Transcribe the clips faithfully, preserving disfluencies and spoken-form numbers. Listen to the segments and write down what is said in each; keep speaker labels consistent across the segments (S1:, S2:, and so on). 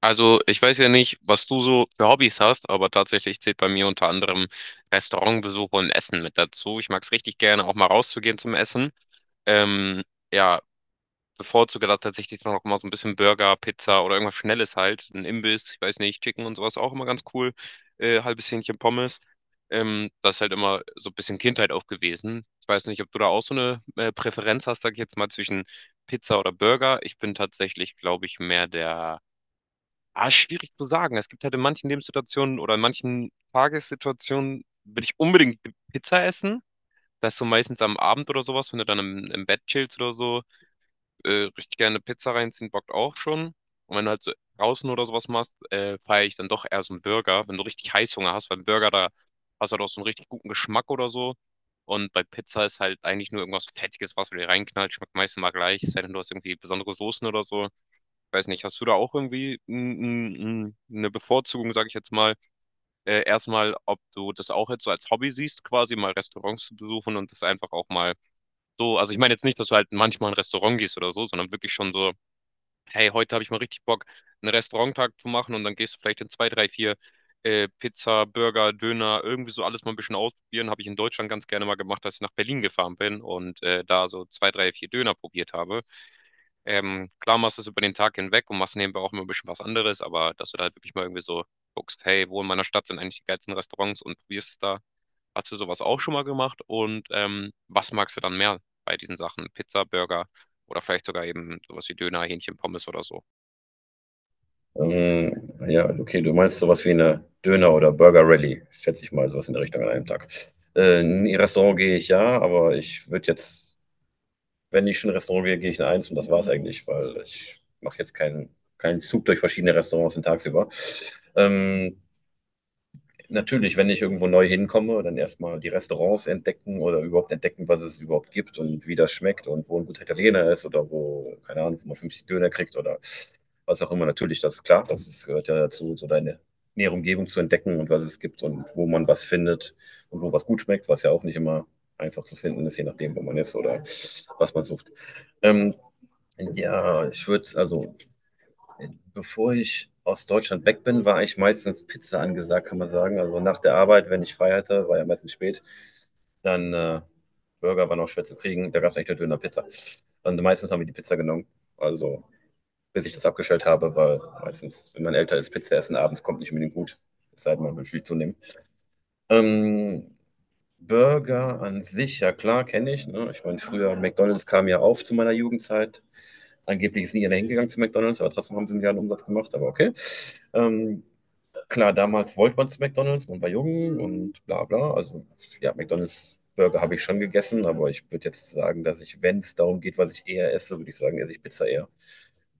S1: Also, ich weiß ja nicht, was du so für Hobbys hast, aber tatsächlich zählt bei mir unter anderem Restaurantbesuche und Essen mit dazu. Ich mag es richtig gerne, auch mal rauszugehen zum Essen. Ähm, ja, bevorzuge da tatsächlich dann noch mal so ein bisschen Burger, Pizza oder irgendwas Schnelles halt. Ein Imbiss, ich weiß nicht, Chicken und sowas auch immer ganz cool. Äh, halbes Hähnchen Pommes. Ähm, das ist halt immer so ein bisschen Kindheit auch gewesen. Ich weiß nicht, ob du da auch so eine äh, Präferenz hast, sag ich jetzt mal, zwischen Pizza oder Burger. Ich bin tatsächlich, glaube ich, mehr der. Ah, schwierig zu sagen. Es gibt halt in manchen Lebenssituationen oder in manchen Tagessituationen will ich unbedingt Pizza essen. Das ist so meistens am Abend oder sowas, wenn du dann im, im Bett chillst oder so, äh, richtig gerne Pizza reinziehen, bockt auch schon. Und wenn du halt so draußen oder sowas machst, äh, feiere ich dann doch eher so einen Burger, wenn du richtig Heißhunger hast, weil ein Burger, da hast du halt auch so einen richtig guten Geschmack oder so. Und bei Pizza ist halt eigentlich nur irgendwas Fettiges, was du dir reinknallst, schmeckt meistens mal gleich, es sei denn, du hast irgendwie besondere Soßen oder so. Weiß nicht, hast du da auch irgendwie n- n- n- eine Bevorzugung, sage ich jetzt mal, äh, erstmal, ob du das auch jetzt so als Hobby siehst, quasi mal Restaurants zu besuchen und das einfach auch mal so, also ich meine jetzt nicht, dass du halt manchmal in ein Restaurant gehst oder so, sondern wirklich schon so hey, heute habe ich mal richtig Bock, einen Restauranttag zu machen und dann gehst du vielleicht in zwei, drei, vier äh, Pizza, Burger, Döner, irgendwie so alles mal ein bisschen ausprobieren. Habe ich in Deutschland ganz gerne mal gemacht, als ich nach Berlin gefahren bin und äh, da so zwei, drei, vier Döner probiert habe. Ähm, klar machst du es über den Tag hinweg und machst nebenbei auch immer ein bisschen was anderes, aber dass du da halt wirklich mal irgendwie so guckst, hey, wo in meiner Stadt sind eigentlich die geilsten Restaurants und probierst es da. Hast du sowas auch schon mal gemacht? Und ähm, was magst du dann mehr bei diesen Sachen? Pizza, Burger oder vielleicht sogar eben sowas wie Döner, Hähnchen, Pommes oder so.
S2: Ähm, ja, okay, du meinst sowas wie eine Döner- oder Burger-Rallye, schätze ich mal, sowas in der Richtung an einem Tag. Äh, in ein Restaurant gehe ich ja, aber ich würde jetzt, wenn ich schon in ein Restaurant gehe, gehe ich in eins und das war's eigentlich, weil ich mache jetzt keinen, keinen Zug durch verschiedene Restaurants den tagsüber. Ähm, natürlich, wenn ich irgendwo neu hinkomme, dann erstmal die Restaurants entdecken oder überhaupt entdecken, was es überhaupt gibt und wie das schmeckt und wo ein guter Italiener ist oder wo, keine Ahnung, wo man fünfzig Döner kriegt oder was auch immer. Natürlich, das ist klar, das ist, gehört ja dazu, so deine nähere Umgebung zu entdecken und was es gibt und wo man was findet und wo was gut schmeckt, was ja auch nicht immer einfach zu finden ist, je nachdem, wo man ist oder was man sucht. Ähm, ja, ich würde es also bevor ich aus Deutschland weg bin, war ich meistens Pizza angesagt, kann man sagen. Also nach der Arbeit, wenn ich frei hatte, war ja meistens spät, dann äh, Burger war noch schwer zu kriegen. Da gab es echt eine Döner-Pizza. Und meistens haben wir die Pizza genommen. Also bis ich das abgestellt habe, weil meistens, wenn man älter ist, Pizza essen abends kommt nicht unbedingt gut. Es sei denn, man will viel zunehmen. Ähm, Burger an sich, ja klar, kenne ich. Ne? Ich meine, früher McDonald's kam ja auf zu meiner Jugendzeit. Angeblich ist nie einer hingegangen zu McDonald's, aber trotzdem haben sie einen Umsatz gemacht, aber okay. Ähm, Klar, damals wollte man zu McDonald's, man war jung und bla bla. Also ja, McDonald's Burger habe ich schon gegessen, aber ich würde jetzt sagen, dass ich, wenn es darum geht, was ich eher esse, würde ich sagen, esse ich Pizza eher.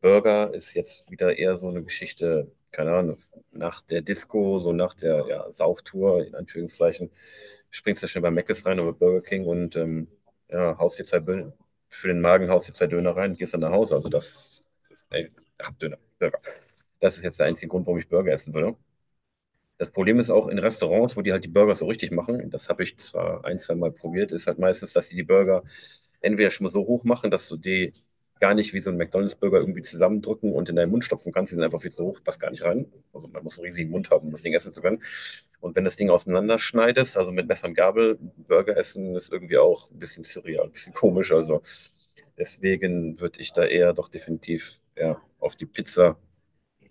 S2: Burger ist jetzt wieder eher so eine Geschichte, keine Ahnung, nach der Disco, so nach der ja, Sauftour, in Anführungszeichen, springst du schnell bei Mc's rein oder Burger King und ähm, ja, haust dir zwei Bö für den Magen haust dir zwei Döner rein, gehst dann nach Hause. Also das ist, ey, ach, Döner, Burger. Das ist jetzt der einzige Grund, warum ich Burger essen würde. Das Problem ist auch in Restaurants, wo die halt die Burger so richtig machen, das habe ich zwar ein, zwei Mal probiert, ist halt meistens, dass sie die Burger entweder schon mal so hoch machen, dass du die gar nicht wie so ein McDonalds-Burger irgendwie zusammendrücken und in deinen Mund stopfen kannst. Die sind einfach viel zu hoch, passt gar nicht rein. Also man muss einen riesigen Mund haben, um das Ding essen zu können. Und wenn das Ding auseinanderschneidest, also mit Messer und Gabel, Burger essen ist irgendwie auch ein bisschen surreal, ein bisschen komisch. Also deswegen würde ich da eher doch definitiv ja, auf die Pizza,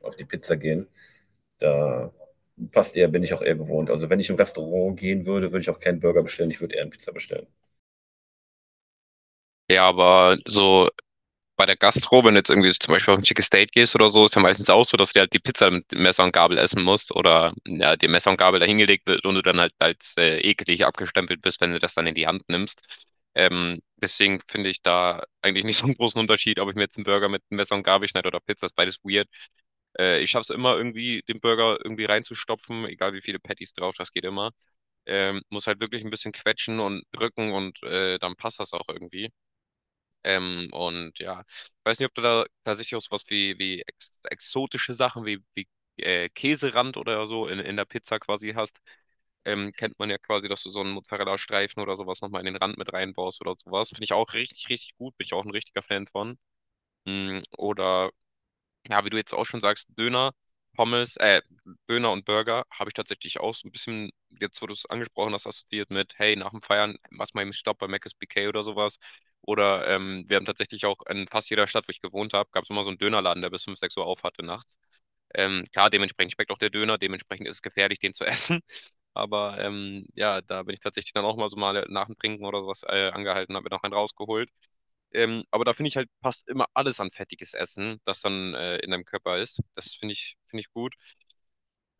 S2: auf die Pizza gehen. Da passt eher, bin ich auch eher gewohnt. Also wenn ich im Restaurant gehen würde, würde ich auch keinen Burger bestellen, ich würde eher eine Pizza bestellen.
S1: Ja, aber so bei der Gastro, wenn du jetzt irgendwie zum Beispiel auf ein Chicken Steak gehst oder so, ist ja meistens auch so, dass du dir halt die Pizza mit Messer und Gabel essen musst oder ja, dir Messer und Gabel dahingelegt wird und du dann halt als äh, eklig abgestempelt bist, wenn du das dann in die Hand nimmst. Ähm, deswegen finde ich da eigentlich nicht so einen großen Unterschied, ob ich mir jetzt einen Burger mit Messer und Gabel schneide oder Pizza, ist beides weird. Äh, ich schaffe es immer irgendwie, den Burger irgendwie reinzustopfen, egal wie viele Patties drauf, das geht immer. Ähm, muss halt wirklich ein bisschen quetschen und drücken und äh, dann passt das auch irgendwie. Ähm, und ja, ich weiß nicht, ob du da tatsächlich auch sowas wie, wie ex exotische Sachen wie, wie äh, Käserand oder so in, in der Pizza quasi hast. Ähm, kennt man ja quasi, dass du so einen Mozzarella-Streifen oder sowas nochmal in den Rand mit reinbaust oder sowas. Finde ich auch richtig, richtig gut. Bin ich auch ein richtiger Fan von. Mm, oder ja, wie du jetzt auch schon sagst, Döner, Pommes, äh, Döner und Burger habe ich tatsächlich auch so ein bisschen, jetzt wo du es angesprochen hast, assoziiert mit, hey, nach dem Feiern, mach mal eben einen Stopp bei Mc's B K oder sowas. Oder ähm, wir haben tatsächlich auch in fast jeder Stadt, wo ich gewohnt habe, gab es immer so einen Dönerladen, der bis fünf sechs Uhr auf hatte nachts. Ähm, klar, dementsprechend schmeckt auch der Döner, dementsprechend ist es gefährlich, den zu essen. Aber ähm, ja, da bin ich tatsächlich dann auch mal so mal nach dem Trinken oder sowas äh, angehalten, habe mir noch einen rausgeholt. Ähm, aber da finde ich halt, passt immer alles an fettiges Essen, das dann äh, in deinem Körper ist. Das finde ich, finde ich gut.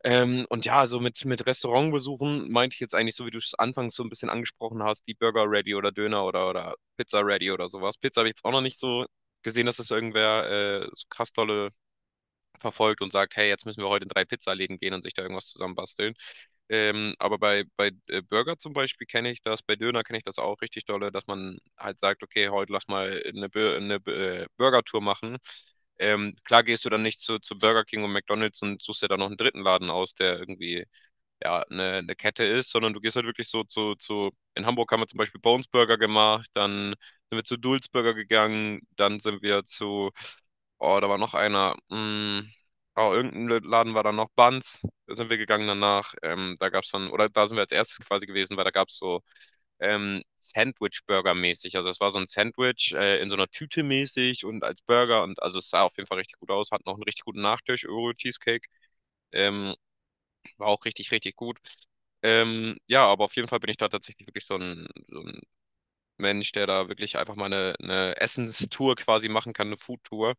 S1: Ähm, und ja, so mit, mit Restaurantbesuchen meinte ich jetzt eigentlich so, wie du es anfangs so ein bisschen angesprochen hast, die Burger Ready oder Döner oder, oder Pizza Ready oder sowas. Pizza habe ich jetzt auch noch nicht so gesehen, dass das irgendwer äh, so krass tolle verfolgt und sagt, hey, jetzt müssen wir heute in drei Pizzaläden gehen und sich da irgendwas zusammenbasteln. Ähm, aber bei, bei äh, Burger zum Beispiel kenne ich das, bei Döner kenne ich das auch richtig dolle, dass man halt sagt, okay, heute lass mal eine, Bu- eine Bu- äh, Burger-Tour machen. Ähm, klar gehst du dann nicht zu, zu Burger King und McDonald's und suchst dir dann noch einen dritten Laden aus, der irgendwie ja, eine, eine Kette ist, sondern du gehst halt wirklich so zu, zu, in Hamburg haben wir zum Beispiel Bones Burger gemacht, dann sind wir zu Dulz Burger gegangen, dann sind wir zu, oh, da war noch einer, mm, oh, irgendein Laden war dann noch Buns, da sind wir gegangen danach, ähm, da gab es dann, oder da sind wir als erstes quasi gewesen, weil da gab es so ähm, Sandwich-Burger mäßig, also es war so ein Sandwich äh, in so einer Tüte mäßig und als Burger und also es sah auf jeden Fall richtig gut aus, hat noch einen richtig guten Nachtisch, Oreo Cheesecake, ähm, war auch richtig, richtig gut. Ähm, ja, aber auf jeden Fall bin ich da tatsächlich wirklich so ein, so ein Mensch, der da wirklich einfach mal eine, eine Essenstour quasi machen kann, eine Foodtour.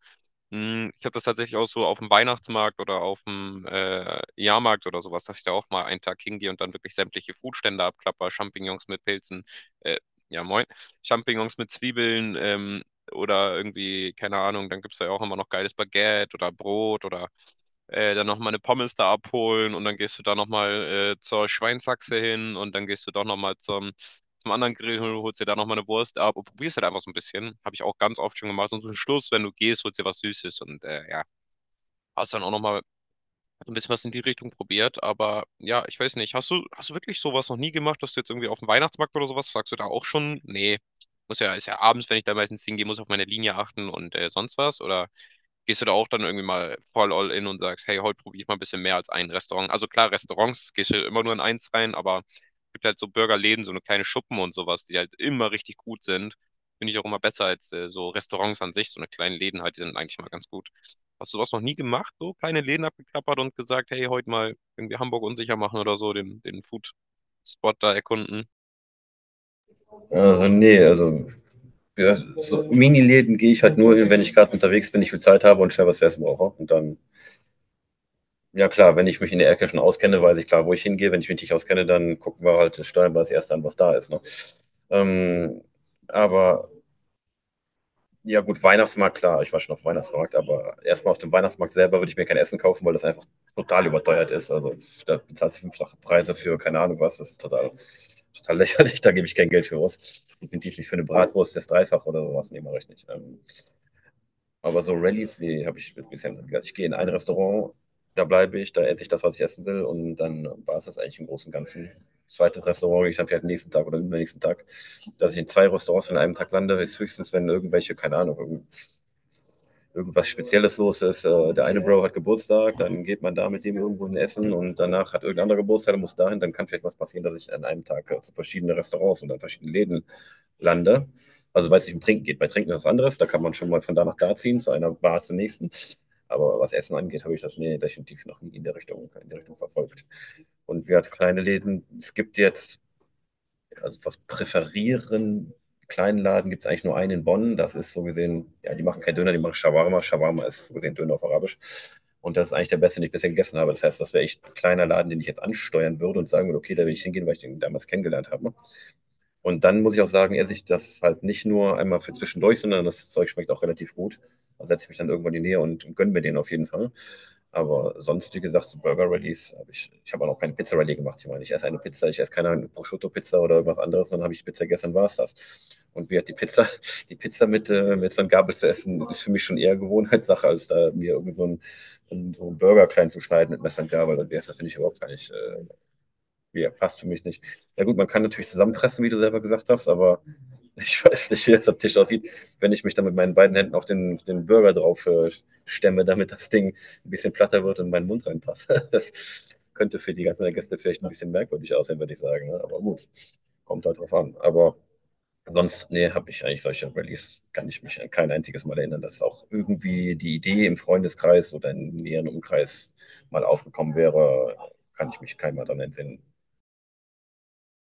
S1: Hm, ich habe das tatsächlich auch so auf dem Weihnachtsmarkt oder auf'm, äh, Jahrmarkt oder sowas, dass ich da auch mal einen Tag hingehe und dann wirklich sämtliche Foodstände abklappere, Champignons mit Pilzen, äh, ja moin, Champignons mit Zwiebeln, ähm, oder irgendwie, keine Ahnung, dann gibt's da ja auch immer noch geiles Baguette oder Brot oder, äh, dann noch mal 'ne Pommes da abholen und dann gehst du da noch mal, äh, zur Schweinshaxe hin und dann gehst du doch noch mal zum zum anderen Grill, holst dir da nochmal eine Wurst ab und probierst halt einfach so ein bisschen. Habe ich auch ganz oft schon gemacht. Und zum Schluss, wenn du gehst, holst dir was Süßes und äh, ja, hast dann auch nochmal ein bisschen was in die Richtung probiert. Aber ja, ich weiß nicht, hast du, hast du wirklich sowas noch nie gemacht, dass du jetzt irgendwie auf dem Weihnachtsmarkt oder sowas, sagst du da auch schon, nee, muss ja, ist ja abends, wenn ich da meistens hingehe, muss auf meine Linie achten und äh, sonst was? Oder gehst du da auch dann irgendwie mal voll all in und sagst, hey, heute probiere ich mal ein bisschen mehr als ein Restaurant? Also klar, Restaurants gehst du immer nur in eins rein, aber es gibt halt so Burgerläden, so eine kleine Schuppen und sowas, die halt immer richtig gut sind. Finde ich auch immer besser als äh, so Restaurants an sich, so eine kleine Läden halt, die sind eigentlich mal ganz gut. Hast du sowas noch nie gemacht, so kleine Läden abgeklappert und gesagt, hey, heute mal irgendwie Hamburg unsicher machen oder so, den, den Food-Spot da erkunden?
S2: Also nee, also ja, so Mini-Läden gehe ich halt nur hin, wenn ich gerade unterwegs bin, ich viel Zeit habe und schnell was zu essen brauche. Und dann, ja klar, wenn ich mich in der Ecke schon auskenne, weiß ich klar, wo ich hingehe. Wenn ich mich nicht auskenne, dann gucken wir halt, steuern wir als erstes an, was da ist. Ne? Ähm, aber ja, gut, Weihnachtsmarkt, klar. Ich war schon auf dem Weihnachtsmarkt, aber erstmal auf dem Weihnachtsmarkt selber würde ich mir kein Essen kaufen, weil das einfach total überteuert ist. Also pf, da bezahlst du fünffache Preise für keine Ahnung was. Das ist total, total lächerlich. Da gebe ich kein Geld für aus. Definitiv nicht für eine Bratwurst, das Dreifach oder sowas. Nee, mache ich nicht. Ähm, aber so Rallyes, nee, habe ich bisher nicht gemacht. Ich gehe in ein Restaurant, da bleibe ich, da esse ich das, was ich essen will und dann war es das eigentlich im Großen und Ganzen. Zweites Restaurant gehe ich dann vielleicht am nächsten Tag oder übernächsten Tag. Dass ich in zwei Restaurants in einem Tag lande, ist höchstens, wenn irgendwelche, keine Ahnung, irgend- irgendwas Spezielles los ist. Äh, der eine Bro hat Geburtstag, dann geht man da mit dem irgendwo in Essen und danach hat irgendein anderer Geburtstag, dann muss dahin, dann kann vielleicht was passieren, dass ich an einem Tag äh, zu verschiedenen Restaurants und an verschiedenen Läden lande. Also weil es nicht um Trinken geht. Bei Trinken ist was anderes, da kann man schon mal von da nach da ziehen, zu einer Bar zur nächsten. Aber was Essen angeht, habe ich das nee, definitiv noch nie in der Richtung, in der Richtung verfolgt. Und wir hatten kleine Läden. Es gibt jetzt also was präferieren. Kleinladen gibt es eigentlich nur einen in Bonn. Das ist so gesehen, ja, die machen keinen Döner, die machen Shawarma. Shawarma ist so gesehen Döner auf Arabisch. Und das ist eigentlich der beste, den ich bisher gegessen habe. Das heißt, das wäre echt ein kleiner Laden, den ich jetzt ansteuern würde und sagen würde, okay, da will ich hingehen, weil ich den damals kennengelernt habe. Ne? Und dann muss ich auch sagen, esse ich das halt nicht nur einmal für zwischendurch, sondern das Zeug schmeckt auch relativ gut. Da setze ich mich dann irgendwann in die Nähe und, und gönne mir den auf jeden Fall. Aber sonst, wie gesagt, so Burger Rallys habe ich, ich habe auch noch keine Pizza Rallye gemacht. Ich meine, ich esse eine Pizza, ich esse keine Prosciutto-Pizza oder irgendwas anderes, dann habe ich Pizza gegessen, war es das. Und wie hat die Pizza, die Pizza mit, äh, mit so einem Gabel zu essen, ist für mich schon eher Gewohnheitssache, als da mir irgendwie so einen, einen, so einen Burger klein zu schneiden mit Messer und Gabel. Und wie heißt das, finde ich überhaupt gar nicht, äh, ja, passt für mich nicht. Ja gut, man kann natürlich zusammenpressen, wie du selber gesagt hast, aber ich weiß nicht, wie das am Tisch aussieht, wenn ich mich dann mit meinen beiden Händen auf den, auf den Burger drauf äh, stemme, damit das Ding ein bisschen platter wird und in meinen Mund reinpasst. Das könnte für die ganzen Gäste vielleicht ein bisschen merkwürdig aussehen, würde ich sagen. Ne? Aber gut, kommt halt drauf an. Aber sonst, nee, habe ich eigentlich solche Rallyes, kann ich mich an kein einziges Mal erinnern, dass auch irgendwie die Idee im Freundeskreis oder im näheren Umkreis mal aufgekommen wäre, kann ich mich keinmal daran entsinnen.